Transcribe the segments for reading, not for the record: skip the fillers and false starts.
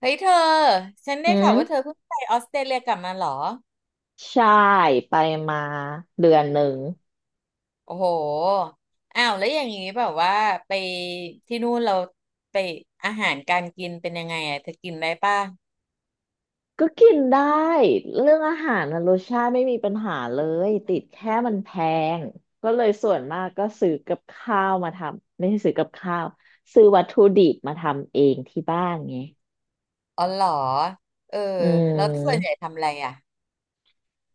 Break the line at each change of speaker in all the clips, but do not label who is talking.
เฮ้ยเธอฉันได้
อื
ข่าวว่าเธอ
ม
เพิ่งไปออสเตรเลียกลับมาเหรอ
ใช่ไปมาเดือนหนึ่ง
โอ้โหอ้าวแล้วอย่างนี้แบบว่าไปที่นู่นเราไปอาหารการกินเป็นยังไงอ่ะเธอกินได้ป่ะ
ก็กินได้เรื่องอาหารนะรสชาติไม่มีปัญหาเลยติดแค่มันแพงก็เลยส่วนมากก็ซื้อกับข้าวมาทำไม่ใช่ซื้อกับข้าวซื้อวัตถุดิบมาทำเองที่บ้านไง
อ๋อเหรอเออ
อื
แล้วส่วนใหญ่
ม
ทำอะไรอ่ะ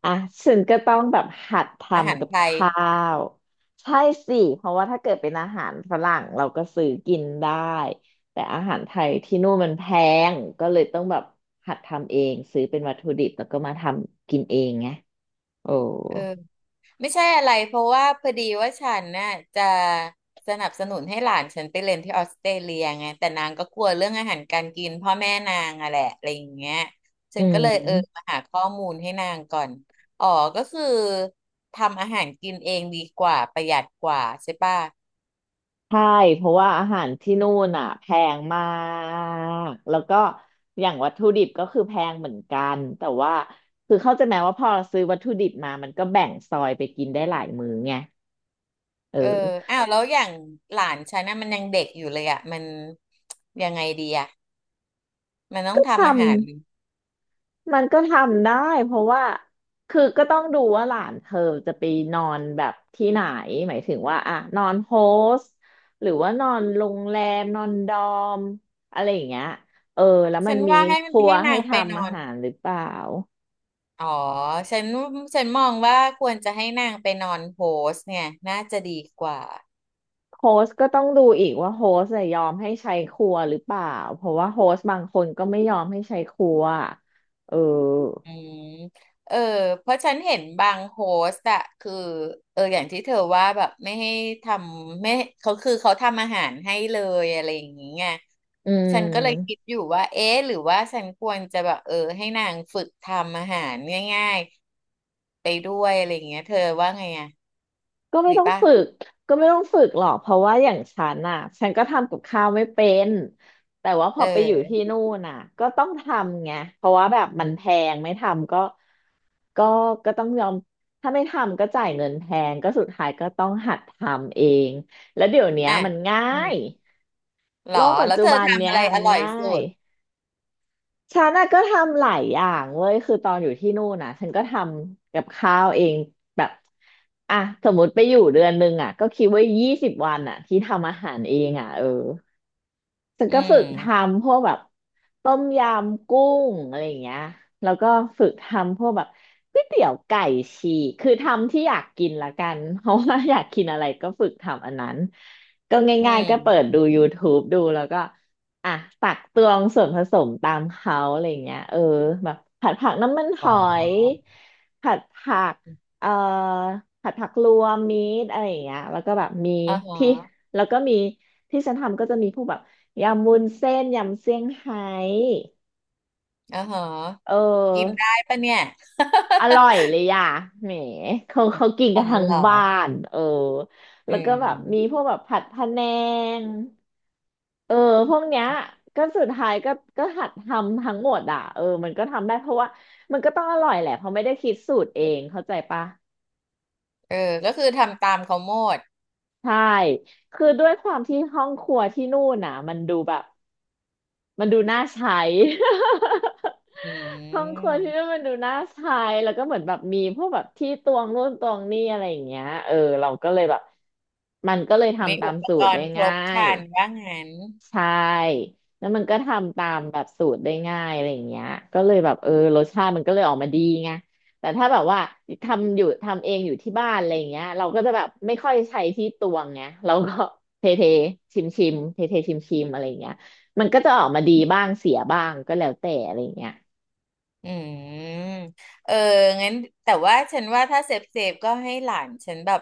อ่ะฉันก็ต้องแบบหัดท
อาหา
ำ
ร
กับ
ไท
ข
ย
้าวใช่สิเพราะว่าถ้าเกิดเป็นอาหารฝรั่งเราก็ซื้อกินได้แต่อาหารไทยที่นู่นมันแพงก็เลยต้องแบบหัดทำเองซื้อเป็นวัตถุดิบแล้วก็มาทำกินเองไงโอ้
เออ ไม่ใช่อะไรเพราะว่าพอดีว่าฉันน่ะจะสนับสนุนให้หลานฉันไปเรียนที่ออสเตรเลียไงแต่นางก็กลัวเรื่องอาหารการกินพ่อแม่นางอะแหละอะไรอย่างเงี้ยฉั
อื
นก็เลย
ม
มาหาข้อมูลให้นางก่อนอ๋อก็คือทำอาหารกินเองดีกว่าประหยัดกว่าใช่ป่ะ
ใช่เพราะว่าอาหารที่นู่นอ่ะแพงมากแล้วก็อย่างวัตถุดิบก็คือแพงเหมือนกันแต่ว่าคือเข้าใจไหมว่าพอเราซื้อวัตถุดิบมามันก็แบ่งซอยไปกินได้หลายมื้อไง เอ
เออ
อ
อ้าวแล้วอย่างหลานฉันน่ะมันยังเด็กอยู่เลยอะมันยังไงดีอะมันต้
ท
องทำอา
ำ
หาร
มันก็ทำได้เพราะว่าคือก็ต้องดูว่าหลานเธอจะไปนอนแบบที่ไหนหมายถึงว่าอ่ะนอนโฮสต์หรือว่านอนโรงแรมนอนดอมอะไรอย่างเงี้ยเออแล้วมั
ฉั
น
น
มี
ว่าให้
ครัว
ให้นา
ให้
งไปน
ทำ
อ
อา
น
หารหรือเปล่า
อ๋อฉันฉันมองว่าควรจะให้นางไปนอนโฮสเนี่ยน่าจะดีกว่า
โฮสต์ก็ต้องดูอีกว่าโฮสต์จะยยอมให้ใช้ครัวหรือเปล่าเพราะว่าโฮสต์บางคนก็ไม่ยอมให้ใช้ครัวเออ
อืมเออเพราะฉันเห็นบางโฮสต์อะคืออย่างที่เธอว่าแบบไม่ให้ทำไม่เขาคือเขาทำอาหารให้เลยอะไรอย่างเงี้ย
อื
ฉันก็เลยคิด
ม
อยู่ว่าเอ๊ะหรือว่าฉันควรจะแบบให้นางฝึกทำอาหารง่ายๆไปด้วยอะไรอย่างเงี้ยเธอว่าไงอะ
ก็ไม่
ดี
ต้อง
ป่ะ
ฝึกก็ไม่ต้องฝึกหรอกเพราะว่าอย่างฉันน่ะฉันก็ทำกับข้าวไม่เป็นแต่ว่าพ
เ
อไปอยู่ที่
ออ
นู่นน่ะก็ต้องทำไงเพราะว่าแบบมันแพงไม่ทำก็ก็ก็ต้องยอมถ้าไม่ทำก็จ่ายเงินแพงก็สุดท้ายก็ต้องหัดทำเองแล้วเดี๋ยวเนี้ย
อ่ะ
มันง่า
อืม
ย
หร
โล
อ
กปัจ
แล้ว
จุ
เธอ
บัน
ทำ
เนี้
อะ
ย
ไรอ
มัน
ร่อย
ง่า
สุ
ย
ด
ฉันน่ะก็ทำหลายอย่างเว้ยคือตอนอยู่ที่นู่นน่ะฉันก็ทำกับข้าวเองแบบอ่ะสมมติไปอยู่เดือนหนึ่งอ่ะก็คิดว่า20 วันอ่ะที่ทำอาหารเองอ่ะเออ ฉัน
อื
ก็ฝึกท
ม
ำพวกแบบต้มยำกุ้งอะไรอย่างเงี้ยแล้วก็ฝึกทำพวกแบบก๋วยเตี๋ยวไก่ฉีกคือทำที่อยากกินละกัน เพราะว่าอยากกินอะไรก็ฝึกทำอันนั้นก็
อื
ง่ายๆก็เปิดดู
ม
YouTube ดูแล้วก็อ่ะตักตวงส่วนผสมตามเขาอะไรอย่างเงี้ยเออแบบผัดผักน้ำมันห
อ๋อ
อยผัดผักเอ่อผัดผักรวมมีดอะไรอย่างเงี้ยแล้วก็แบบ
อ๋อ
ที่
ฮะ
แล้วก็มีที่ฉันทำก็จะมีพวกแบบ ยำวุ้นเส้นยำเซี่ยงไฮ้
อ่อฮะ
เ
กิน
ออ
ได้ปะเนี่ย
อ ร่อยเลยอ่ะแหมเขากิน
อ๋
กั
อ
นทั้ง
เหรอ
บ้านเออแล้
อื
วก็แบบมีพ
ม
วกแบบผัดพะแนงเออพวกเนี้ยก็สุดท้ายก็หัดทำทั้งหมดอ่ะเออมันก็ทำได้เพราะว่ามันก็ต้องอร่อยแหละเพราะไม่ได้คิดสูตรเองเข้าใจปะ
เออก็คือทำตามเขาหมด
ใช่คือด้วยความที่ห้องครัวที่นู่นน่ะมันดูแบบ มันดูน่าใช้
อื
ห้องครัวที่นั่น
ม
มันดูน่าใช้แล้วก็เหมือนแบบมีพวกแบบที่ตวงนู่นตวงนี่อะไรอย่างเงี้ยเออเราก็เลยแบบมันก็เลย
มี
ทำตา
อุ
ม
ป
สู
ก
ตร
ร
ได้
ณ์คร
ง่า
บค
ย
รันว่างั้น
ใช่แล้วมันก็ทำตามแบบสูตรได้ง่ายอะไรอย่างเงี้ยก็เลยแบบเออรสชาติมันก็เลยออกมาดีไงแต่ถ้าแบบว่าทำอยู่ทำเองอยู่ที่บ้านอะไรอย่างเงี้ยเราก็จะแบบไม่ค่อยใช้ที่ตวงไงเราก็เทเทชิมชิมเทเทชิมชิมๆอะไรอย่างเงี้ยมันก็จะออกมาดีบ้างเสียบ้างก็แล้วแต่อะไรอย่างเงี้ย
อืมเอองั้นแต่ว่าฉันว่าถ้าเซฟก็ให้หลานฉันแบบ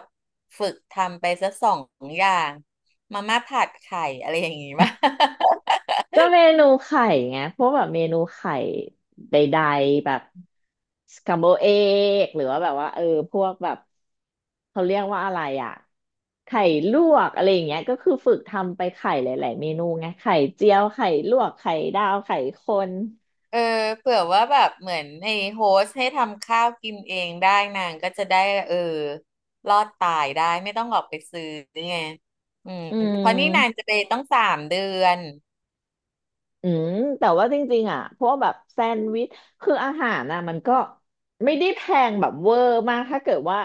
ฝึกทำไปสักสองอย่าง มาม่าผัดไข่อะไรอย่างงี้ป่ะ
ก็เมนูไข่ไงพวกแบบเมนูไข่ใดๆแบบสคัมโบเอกหรือว่าแบบว่าเออพวกแบบเขาเรียกว่าอะไรอ่ะ ไข่ลวกอะไรอย่างเงี้ยก็คือฝึกทำไปไข่หลายๆเมนูไงไข่เจียวไข่ลวกไข่ดาวไข่คน
เออเผื่อว่าแบบเหมือนไอ้โฮสต์ให้ทำข้าวกินเองได้นางก็จะได้เออรอดตายได้ไม่ต้องออกไปซื้อไงอืม
อื
เพราะนี่นาง
ม
จะไปต้องสามเดือน
อืมแต่ว่าจริงๆอ่ะพวกแบบแซนด์วิชคืออาหารน่ะมันก็ไม่ได้แพงแบบเวอร์มากถ้าเกิดว่า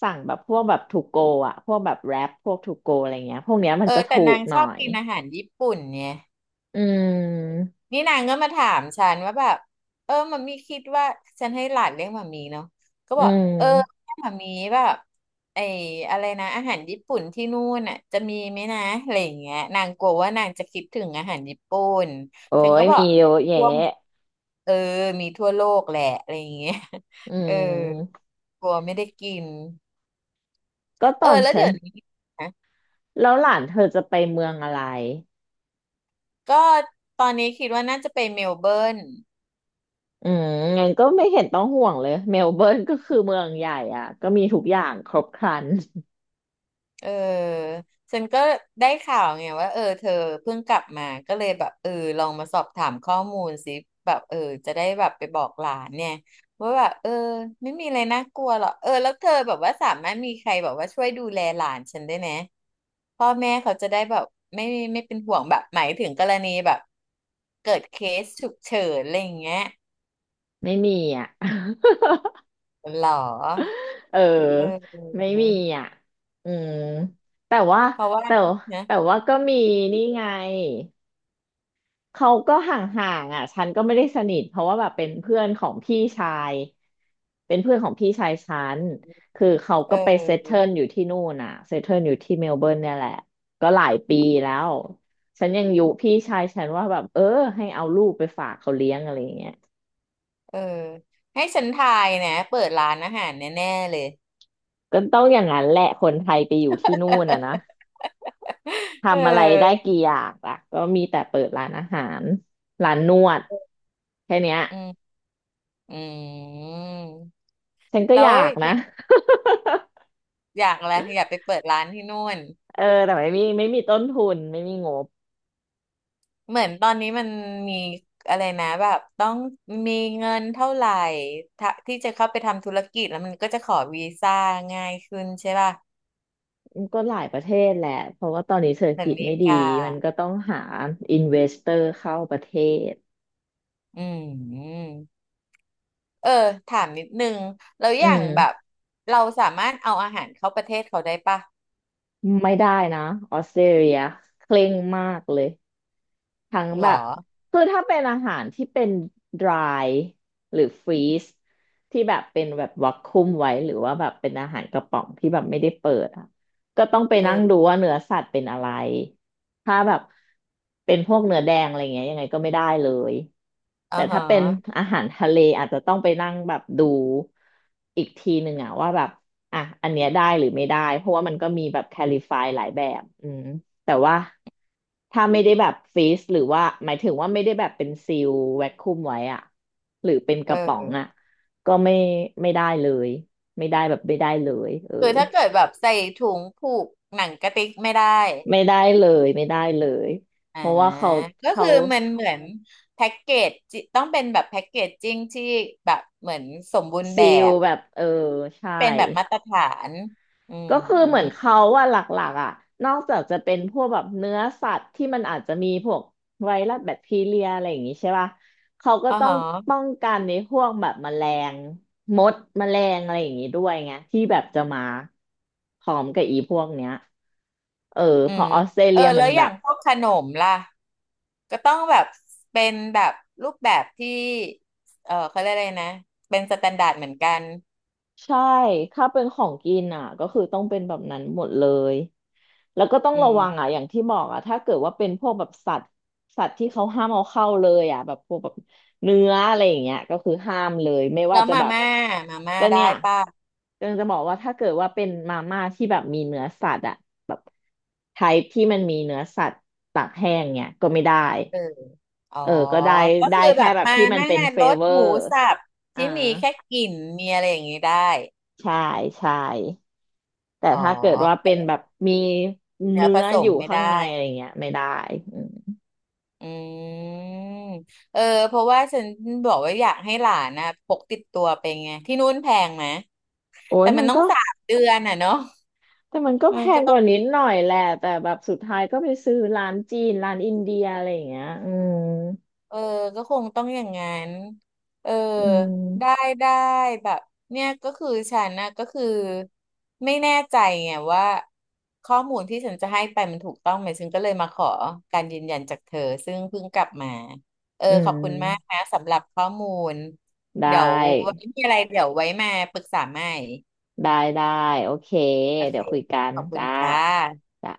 สั่งแบบพวกแบบทูโกอ่ะพวกแบบแรปพวกทูโกอะไรเงี้ยพวกเนี้ยมั
เอ
นจะ
อแต่
ถู
นา
ก
ง
ห
ช
น่อ
อบ
ย
กินอาหารญี่ปุ่นเนี่ย
อืม
นี่นางก็มาถามฉันว่าแบบมัมมี่คิดว่าฉันให้หลานเลี้ยงมัมมี่เนาะก็
อื
บอกเออ
ม
มัมมี่แบบไอ้อะไรนะอาหารญี่ปุ่นที่นู่นน่ะจะมีไหมนะอะไรอย่างเงี้ยนางกลัวว่านางจะคิดถึงอาหารญี่ปุ่น
โอ้
ฉัน
ย
ก็บอ
มี
ก
เยอะแยะ
ทั่วเออมีทั่วโลกแหละอะไรอย่างเงี้ย
อื
เออ
ม
กลัวไม่ได้กิน
ก็ต
เออ
อน
แล้ว
ฉั
เดี๋
น
ยวนี้นะ
แล้วหลานเธอจะไปเมืองอะไร
ก็ตอนนี้คิดว่าน่าจะไปเมลเบิร์น
อืมงั้นก็ไม่เห็นต้องห่วงเลย เมลเบิร์นก็คือเมืองใหญ่อ่ะ ก็มีทุกอย่างครบครัน
เออฉันก็ได้ข่าวไงว่าเธอเพิ่งกลับมาก็เลยแบบลองมาสอบถามข้อมูลสิแบบจะได้แบบไปบอกหลานเนี่ยว่าแบบไม่มีอะไรน่ากลัวหรอกแล้วเธอแบบว่าสามารถมีใครแบบว่าช่วยดูแลหลานฉันได้ไหมพ่อแม่เขาจะได้แบบไม่ไม่เป็นห่วงแบบหมายถึงกรณีแบบเกิดเคสฉุกเฉินอะไรอย่างเงี้ย
ไม่มีอ่ะ
หรอ
เอ
เ
อ ไม่
ออ
มีอ่ะอืมแต่ว่า
เพราะว่า
แต่
นะ
แต่ว่าก็มีนี่ไง เขาก็ห่างๆอ่ะฉันก็ไม่ได้สนิทเพราะว่าแบบเป็นเพื่อนของพี่ชายเป็นเพื่อนของพี่ชายฉันคือเขา
เ
ก็ไปเซตเทิ
ออ
ลอยู่ที่นู่นอ่ะเซตเทิลอยู่ที่เมลเบิร์นเนี่ยแหละก็หลายปีแล้วฉันยังอยู่พี่ชายฉันว่าแบบเออให้เอาลูกไปฝากเขาเลี้ยงอะไรอย่างเงี้ย
เออให้ฉันทายนะเปิดร้านอาหารแน่ๆเลย
ก็ต้องอย่างนั้นแหละคนไทยไปอยู่ที่นู่นอ่ะนะ
เ
ทำอะไรได้
ออ
กี่อย่างล่ะก็มีแต่เปิดร้านอาหารร้านนวดแค่เนี้ย
อืมอืม
ฉันก็
แล้
อ
ว
ยาก
อ
นะ
ยาก อยากอะไรอยากไปเปิดร้านที่นู่น
เออแต่ไม่มีต้นทุนไม่มีงบ
เหมือนตอนนี้มันมีอะไรนะแบบต้องมีเงินเท่าไหร่ถ้าที่จะเข้าไปทำธุรกิจแล้วมันก็จะขอวีซ่าง่ายขึ้นใช่ป่ะ
ก็หลายประเทศแหละเพราะว่าตอนนี้เศรษฐ
เหมือน
กิ
อ
จ
เม
ไม่
ริ
ดี
กา
มันก็ต้องหาอินเวสเตอร์เข้าประเทศ
อืมเออถามนิดนึงแล้ว
อื
อย่างแบบ
ม
เราสามารถเอาอาหารเข้าประเทศเขาได้ป่ะ
ไม่ได้นะออสเตรเลียเคร่งมากเลย ทั้ง
หร
แบ
อ
บคือถ้าเป็นอาหารที่เป็น dry หรือ freeze ที่แบบเป็นแบบวักคุมไว้หรือว่าแบบเป็นอาหารกระป๋องที่แบบไม่ได้เปิดอ่ะก็ต้องไป
เอ
นั่งดู
อ
ว่าเนื้อสัตว์เป็นอะไรถ้าแบบเป็นพวกเนื้อแดงอะไรเงี้ยยังไงก็ไม่ได้เลย
อ่า
แต่
ฮ
ถ้าเป็น
ะ
อาหารทะเลอาจจะต้องไปนั่งแบบดูอีกทีหนึ่งอ่ะว่าแบบอันเนี้ยได้หรือไม่ได้เพราะว่ามันก็มีแบบแคลิฟายหลายแบบอืม แต่ว่าถ้าไม่ได้แบบฟรีซหรือว่าหมายถึงว่าไม่ได้แบบเป็นซีลแวคคุมไว้อะหรือเป็นกระป๋อง
เออ
อะก็ไม่ไม่ได้เลยไม่ได้แบบไม่ได้เลยเออ
คือถ้าเกิดแบบใส่ถุงผูกหนังกระติกไม่ได้
ไม่ได้เลยเพ
อ่า
ราะว่าเขา
ก็
เขา
คือมันเหมือนแพ็กเกจจิต้องเป็นแบบแพ็กเกจจิ้งที่แบบเหมือนสมบูรณ์
ซี
แบ
ล
บ
แบบเออใช่
เป็นแบบมาตรฐานอืม
ก็คือเหมือนเขาว่าหลักๆอ่ะนอกจากจะเป็นพวกแบบเนื้อสัตว์ที่มันอาจจะมีพวกไวรัสแบคทีเรียอะไรอย่างงี้ใช่ป่ะเขาก็
อ๋อ
ต้อง
ฮะ
ป้องกันในพวกแบบแมลงมดแมลงอะไรอย่างงี้ด้วยไงที่แบบจะมาพร้อมกับอีพวกเนี้ยเออ
อื
เพอ
ม
ออสเตร
เออ
เลียมั
แล้
น
วอ
แบ
ย่าง
บ
พวกขนมล่ะก็ต้องแบบเป็นแบบรูปแบบที่เขาเรียกอะไรนะเป็นสแตนดาร์ดเหมือนกัน
ใช่ถ้าเป็นของกินอ่ะก็คือต้องเป็นแบบนั้นหมดเลย แล้วก็ต้อง
อื
ระวัง
ม
อ่ะอย่างที่บอกอ่ะถ้าเกิดว่าเป็นพวกแบบสัตว์ที่เขาห้ามเอาเข้าเลยอ่ะแบบพวกแบบเนื้ออะไรอย่างเงี้ยก็คือห้ามเลยไม่
แล้
ว่า
ว
จะ
มา
แบบ
ม่ามาม่า
ก็เนี่
ได้
ย
ป่ะ
ก็จะบอกว่าถ้าเกิดว่าเป็นมาม่าที่แบบมีเนื้อสัตว์อ่ะแบบไทป์ที่มันมีเนื้อสัตว์ตากแห้งเนี่ยก็ไม่ได้
เอออ๋อ
เออก็ได้
ก็
ได้
คือแบ
แค่
บ
แบบ
มา
ที่มันเป็น
แม่า
เฟ
รส
เวอ
หมู
ร์
สับ
อ่า
ที่มีแค่กลิ่นมีอะไรอย่างนี้ได้
ใช่ใช่ แต่
อ๋อ
ถ้าเกิดว่าเป็นแบบมี
เนื้อ
เนื้
ผ
อ
ส
อ
ม
ยู่
ไม่
ข้า
ได้
งในอะไรเงี้ยไม่ได้อืม
อืมเออ เพราะว่าฉันบอกว่าอยากให้หลานนะพกติดตัวไปไงที่นู่นแพงไหม
โอ้ย
แต่
มั
มัน
น
ต้อ
ก็
งสามเดือนอ่ะเนาะ
แต่มันก็
เอื
แพ
ม
งก
ก็
ว่านิดหน่อยแหละ แต่แบบสุดท้ายก็ไปซื้อร้านจีน ร้านอินเดียอะไรอย่างเงี้ยอืม
เออก็คงต้องอย่างงั้นเออ
อื
ได้
ม
ได้แบบเนี่ยก็คือฉันนะก็คือไม่แน่ใจไงว่าข้อมูลที่ฉันจะให้ไปมันถูกต้องไหมฉันก็เลยมาขอการยืนยันจากเธอซึ่งเพิ่งกลับมาเออ
อื
ขอบคุณมาก
ม
นะสำหรับข้อมูล
ได้
เดี๋ยวไว้มีอะไรเดี๋ยวไว้มาปรึกษาใหม่
ได้ ได้ โอเค
โอ
เดี๋
เค
ยวคุยกัน
ขอบคุณ
จ้า
จ้า
จ้า